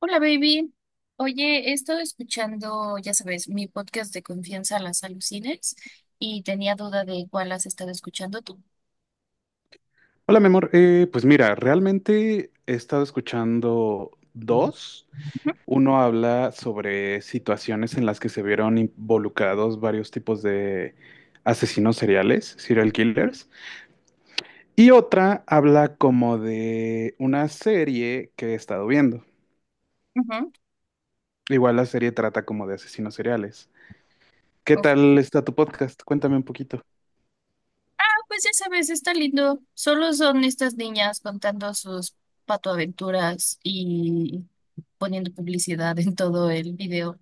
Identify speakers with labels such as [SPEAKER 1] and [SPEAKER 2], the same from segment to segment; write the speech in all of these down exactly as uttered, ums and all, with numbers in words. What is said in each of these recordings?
[SPEAKER 1] Hola, baby. Oye, he estado escuchando, ya sabes, mi podcast de confianza Las Alucines y tenía duda de cuál has estado escuchando tú.
[SPEAKER 2] Hola, mi amor. Eh, pues mira, realmente he estado escuchando dos. Uno habla sobre situaciones en las que se vieron involucrados varios tipos de asesinos seriales, serial killers. Y otra habla como de una serie que he estado viendo.
[SPEAKER 1] Ujú.
[SPEAKER 2] Igual la serie trata como de asesinos seriales. ¿Qué
[SPEAKER 1] Uf.
[SPEAKER 2] tal está tu podcast? Cuéntame un poquito.
[SPEAKER 1] Ah, pues ya sabes, está lindo. Solo son estas niñas contando sus patoaventuras y poniendo publicidad en todo el video.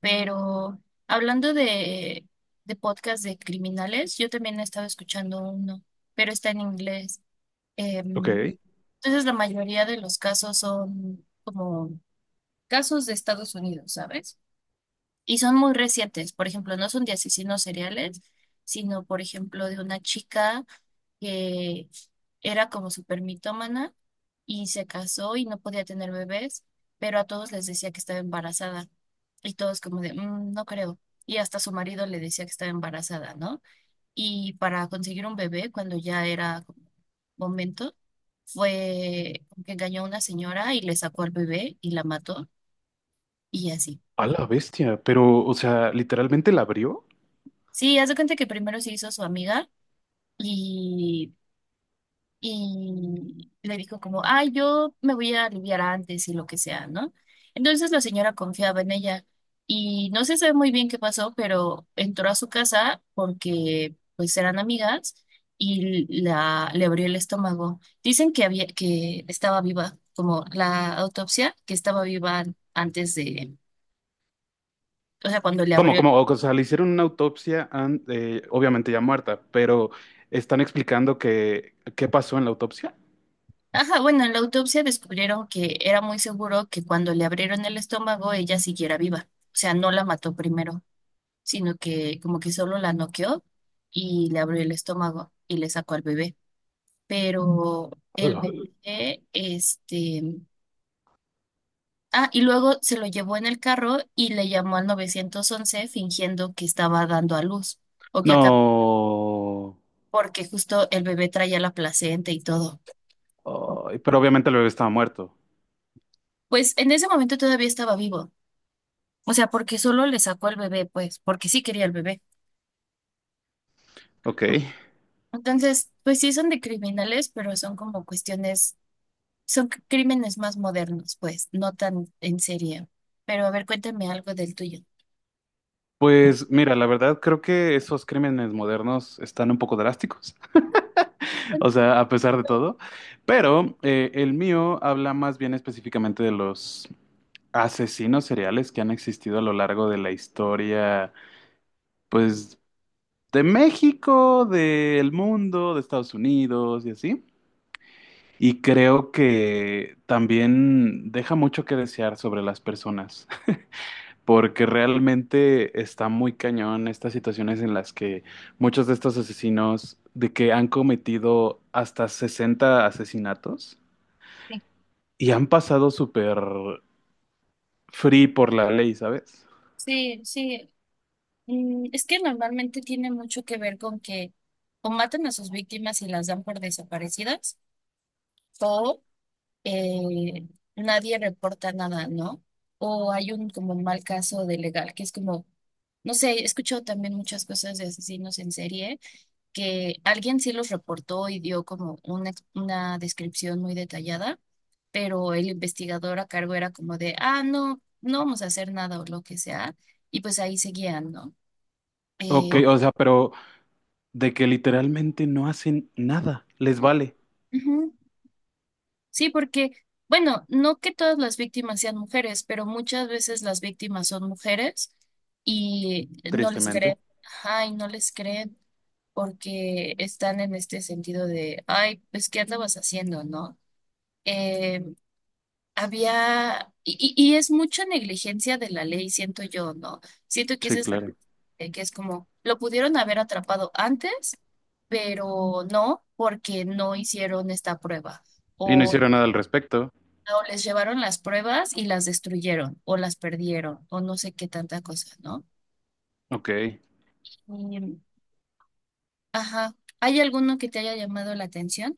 [SPEAKER 1] Pero hablando de, de podcast de criminales, yo también he estado escuchando uno, pero está en inglés. Em,
[SPEAKER 2] Ok.
[SPEAKER 1] entonces, la mayoría de los casos son como casos de Estados Unidos, ¿sabes? Y son muy recientes. Por ejemplo, no son de asesinos seriales, sino, por ejemplo, de una chica que era como súper mitómana y se casó y no podía tener bebés, pero a todos les decía que estaba embarazada. Y todos como de, "Mm, no creo". Y hasta su marido le decía que estaba embarazada, ¿no? Y para conseguir un bebé, cuando ya era como momento, fue que engañó a una señora y le sacó al bebé y la mató y así.
[SPEAKER 2] A la bestia, pero, o sea, literalmente la abrió.
[SPEAKER 1] Sí, haz de cuenta que primero se hizo su amiga y, y le dijo como, ay, yo me voy a aliviar antes y lo que sea, ¿no? Entonces la señora confiaba en ella y no se sabe muy bien qué pasó, pero entró a su casa porque pues eran amigas y la, le abrió el estómago. Dicen que había, que estaba viva, como la autopsia, que estaba viva antes de, o sea, cuando le
[SPEAKER 2] ¿Cómo,
[SPEAKER 1] abrió.
[SPEAKER 2] cómo? O sea, le hicieron una autopsia, an- eh, obviamente ya muerta, pero están explicando que, qué pasó en la autopsia.
[SPEAKER 1] Ajá, bueno, en la autopsia descubrieron que era muy seguro que cuando le abrieron el estómago ella siguiera viva. O sea, no la mató primero, sino que como que solo la noqueó y le abrió el estómago y le sacó al bebé. Pero el
[SPEAKER 2] Hola.
[SPEAKER 1] bebé, este... Ah, y luego se lo llevó en el carro y le llamó al novecientos once fingiendo que estaba dando a luz. O que acá,
[SPEAKER 2] No.
[SPEAKER 1] porque justo el bebé traía la placenta y todo.
[SPEAKER 2] Ay, pero obviamente el bebé estaba muerto.
[SPEAKER 1] Pues en ese momento todavía estaba vivo. O sea, porque solo le sacó el bebé, pues, porque sí quería el bebé.
[SPEAKER 2] Ok.
[SPEAKER 1] Entonces, pues sí son de criminales, pero son como cuestiones, son c- crímenes más modernos, pues, no tan en serio. Pero a ver, cuéntame algo del tuyo.
[SPEAKER 2] Pues mira, la verdad creo que esos crímenes modernos están un poco drásticos. O sea, a pesar de todo. Pero eh, el mío habla más bien específicamente de los asesinos seriales que han existido a lo largo de la historia, pues, de México, del mundo, de Estados Unidos y así. Y creo que también deja mucho que desear sobre las personas, porque realmente está muy cañón estas situaciones en las que muchos de estos asesinos, de que han cometido hasta sesenta asesinatos
[SPEAKER 1] Sí,
[SPEAKER 2] y han pasado súper free por la ley, ¿sabes?
[SPEAKER 1] sí, sí. Mm, Es que normalmente tiene mucho que ver con que o matan a sus víctimas y las dan por desaparecidas, o eh, nadie reporta nada, ¿no? O hay un como mal caso de legal, que es como, no sé, he escuchado también muchas cosas de asesinos en serie, que alguien sí los reportó y dio como una, ex- una descripción muy detallada, pero el investigador a cargo era como de, ah, no, no vamos a hacer nada o lo que sea, y pues ahí seguían, ¿no? Eh,
[SPEAKER 2] Ok, o sea, pero de que literalmente no hacen nada, les vale,
[SPEAKER 1] Ujú. Sí, porque, bueno, no que todas las víctimas sean mujeres, pero muchas veces las víctimas son mujeres y no les
[SPEAKER 2] tristemente.
[SPEAKER 1] creen. Ajá, y no les creen porque están en este sentido de, ay, pues, ¿qué andabas haciendo, no? Eh, había, y, y y es mucha negligencia de la ley, siento yo, ¿no? Siento que
[SPEAKER 2] Sí,
[SPEAKER 1] ese es,
[SPEAKER 2] claro.
[SPEAKER 1] eh, que es como, lo pudieron haber atrapado antes, pero no, porque no hicieron esta prueba.
[SPEAKER 2] Y no
[SPEAKER 1] O
[SPEAKER 2] hicieron nada al respecto.
[SPEAKER 1] o les llevaron las pruebas y las destruyeron, o las perdieron, o no sé qué tanta cosa, ¿no?
[SPEAKER 2] Ok.
[SPEAKER 1] Y, ajá. ¿Hay alguno que te haya llamado la atención?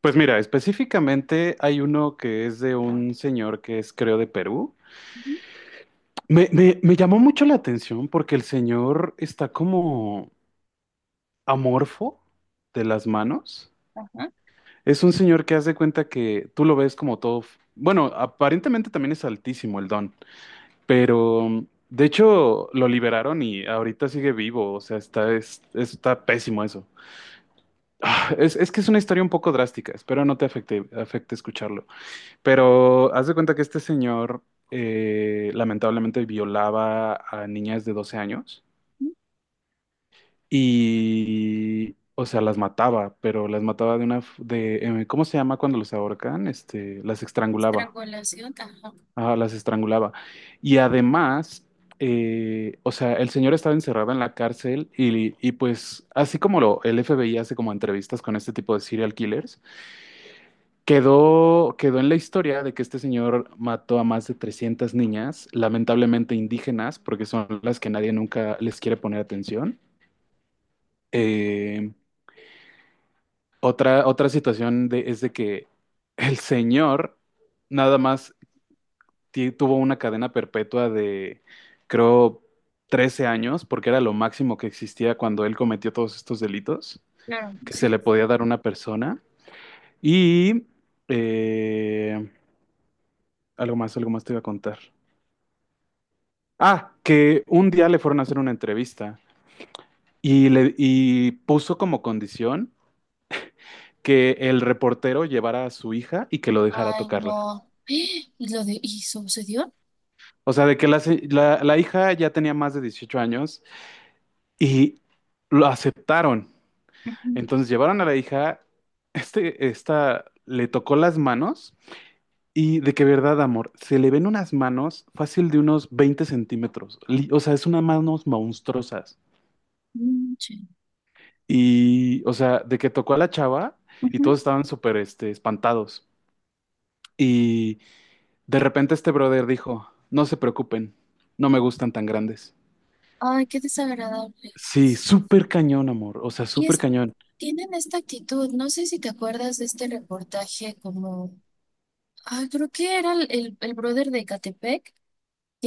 [SPEAKER 2] Pues mira, específicamente hay uno que es de un señor que es, creo, de Perú.
[SPEAKER 1] Ujú.
[SPEAKER 2] Me, me, me llamó mucho la atención porque el señor está como amorfo de las manos.
[SPEAKER 1] Ajá.
[SPEAKER 2] Es un señor que hace cuenta que tú lo ves como todo. f- Bueno, aparentemente también es altísimo el don. Pero, de hecho, lo liberaron y ahorita sigue vivo. O sea, está, es, está pésimo eso. Ah, Es, es que es una historia un poco drástica. Espero no te afecte, afecte escucharlo. Pero haz de cuenta que este señor eh, lamentablemente violaba a niñas de doce años
[SPEAKER 1] Ujú.
[SPEAKER 2] y, o sea, las mataba, pero las mataba de una, f- de, eh, ¿cómo se llama cuando los ahorcan? Este, las estrangulaba.
[SPEAKER 1] Estrangulación, ajá.
[SPEAKER 2] Ajá, las estrangulaba. Y además, eh, o sea, el señor estaba encerrado en la cárcel y, y pues, así como lo, el F. B. F B I hace como entrevistas con este tipo de serial killers, quedó, quedó en la historia de que este señor mató a más de trescientas niñas, lamentablemente indígenas, porque son las que nadie nunca les quiere poner atención. Eh, otra, otra situación de- es de que el señor nada más ti- tuvo una cadena perpetua de, creo, trece años, porque era lo máximo que existía cuando él cometió todos estos delitos
[SPEAKER 1] Claro,
[SPEAKER 2] que se
[SPEAKER 1] sí.
[SPEAKER 2] le podía dar a una persona. Y eh, algo más, algo más te iba a contar. Ah, que un día le fueron a hacer una entrevista y, le, y puso como condición que el reportero llevara a su hija y que lo dejara
[SPEAKER 1] Ay,
[SPEAKER 2] tocarla.
[SPEAKER 1] no. Y lo de, ¿y sucedió?
[SPEAKER 2] O sea, de que la, se- la la hija ya tenía más de dieciocho años y lo aceptaron.
[SPEAKER 1] Ujú,
[SPEAKER 2] Entonces llevaron a la hija, este, esta le tocó las manos y de que verdad, amor, se le ven unas manos fácil de unos veinte centímetros. Li- O sea, es unas manos monstruosas.
[SPEAKER 1] mm, sí.
[SPEAKER 2] Y, o sea, de que tocó a la chava y
[SPEAKER 1] Ujú.
[SPEAKER 2] todos estaban súper, este, espantados. Y de repente este brother dijo, no se preocupen, no me gustan tan grandes.
[SPEAKER 1] Ay, qué desagradable.
[SPEAKER 2] Sí, súper cañón, amor. O sea,
[SPEAKER 1] Y
[SPEAKER 2] súper
[SPEAKER 1] es,
[SPEAKER 2] cañón.
[SPEAKER 1] tienen esta actitud, no sé si te acuerdas de este reportaje como, ah, creo que era el, el, el brother de Catepec,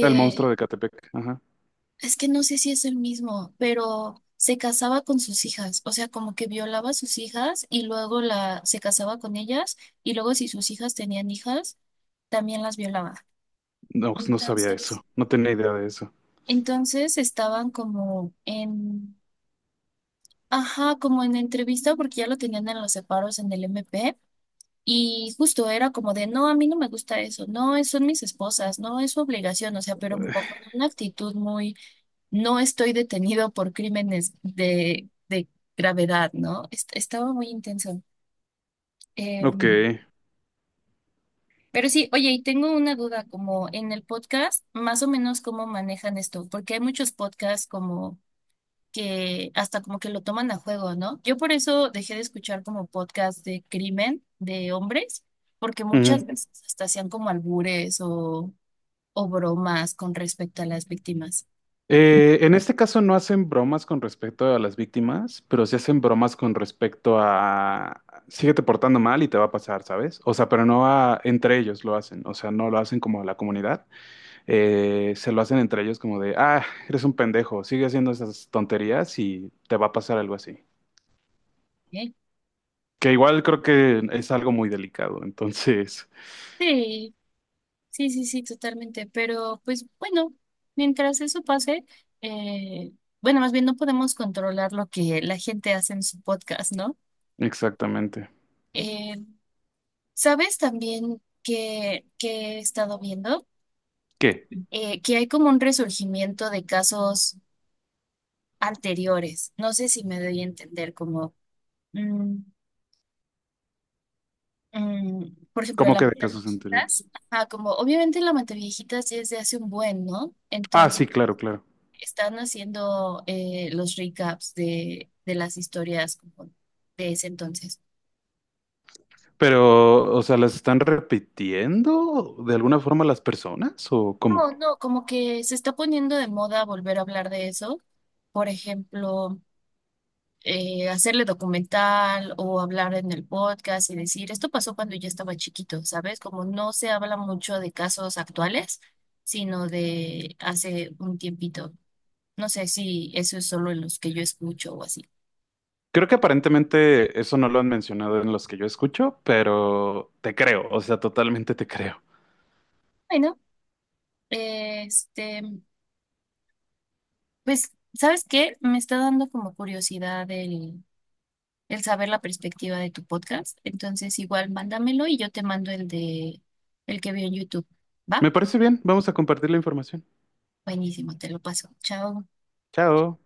[SPEAKER 2] El monstruo de Catepec. Ajá.
[SPEAKER 1] es que no sé si es el mismo, pero se casaba con sus hijas, o sea, como que violaba a sus hijas y luego la se casaba con ellas y luego si sus hijas tenían hijas, también las violaba.
[SPEAKER 2] No, no sabía
[SPEAKER 1] Entonces,
[SPEAKER 2] eso. No tenía idea de eso.
[SPEAKER 1] entonces estaban como en, ajá, como en entrevista porque ya lo tenían en los separos en el M P y justo era como de, no, a mí no me gusta eso, no, es son mis esposas, no es su obligación, o sea, pero como con una actitud muy no estoy detenido por crímenes de, de gravedad, ¿no? Est- estaba muy intenso. Eh,
[SPEAKER 2] Ok.
[SPEAKER 1] pero sí, oye, y tengo una duda, como en el podcast, más o menos cómo manejan esto, porque hay muchos podcasts como que hasta como que lo toman a juego, ¿no? Yo por eso dejé de escuchar como podcast de crimen de hombres, porque
[SPEAKER 2] Ujú.
[SPEAKER 1] muchas veces hasta hacían como albures o, o bromas con respecto a las víctimas.
[SPEAKER 2] Eh, en este caso no hacen bromas con respecto a las víctimas, pero sí hacen bromas con respecto a síguete portando mal y te va a pasar, ¿sabes? O sea, pero no a- entre ellos lo hacen, o sea, no lo hacen como la comunidad, eh, se lo hacen entre ellos como de, ah, eres un pendejo, sigue haciendo esas tonterías y te va a pasar algo así.
[SPEAKER 1] ¿Eh?
[SPEAKER 2] Que igual creo que es algo muy delicado, entonces,
[SPEAKER 1] Sí. Sí, sí, sí, totalmente. Pero pues bueno, mientras eso pase, eh, bueno, más bien no podemos controlar lo que la gente hace en su podcast, ¿no?
[SPEAKER 2] exactamente.
[SPEAKER 1] Eh, ¿sabes también que, que he estado viendo?
[SPEAKER 2] ¿Qué?
[SPEAKER 1] Eh, que hay como un resurgimiento de casos anteriores. No sé si me doy a entender, como, mm, mm, por ejemplo,
[SPEAKER 2] ¿Cómo
[SPEAKER 1] la
[SPEAKER 2] que de casos
[SPEAKER 1] Monteviejitas.
[SPEAKER 2] anteriores?
[SPEAKER 1] Ajá, como obviamente la Monteviejitas ya es de hace un buen, ¿no?
[SPEAKER 2] Ah, sí, claro, claro.
[SPEAKER 1] Están haciendo eh, los recaps de, de las historias como de ese entonces.
[SPEAKER 2] Pero, o sea, ¿las están repitiendo de alguna forma las personas o cómo?
[SPEAKER 1] No, no, como que se está poniendo de moda volver a hablar de eso. Por ejemplo, eh, hacerle documental o hablar en el podcast y decir, esto pasó cuando yo estaba chiquito, ¿sabes? Como no se habla mucho de casos actuales, sino de hace un tiempito. No sé si eso es solo en los que yo escucho o así.
[SPEAKER 2] Creo que aparentemente eso no lo han mencionado en los que yo escucho, pero te creo, o sea, totalmente te creo.
[SPEAKER 1] Bueno, este. Pues, ¿sabes qué? Me está dando como curiosidad el, el saber la perspectiva de tu podcast. Entonces, igual mándamelo y yo te mando el de, el que vi en YouTube. ¿Va?
[SPEAKER 2] Me parece bien, vamos a compartir la información.
[SPEAKER 1] Buenísimo, te lo paso. Chao.
[SPEAKER 2] Chao.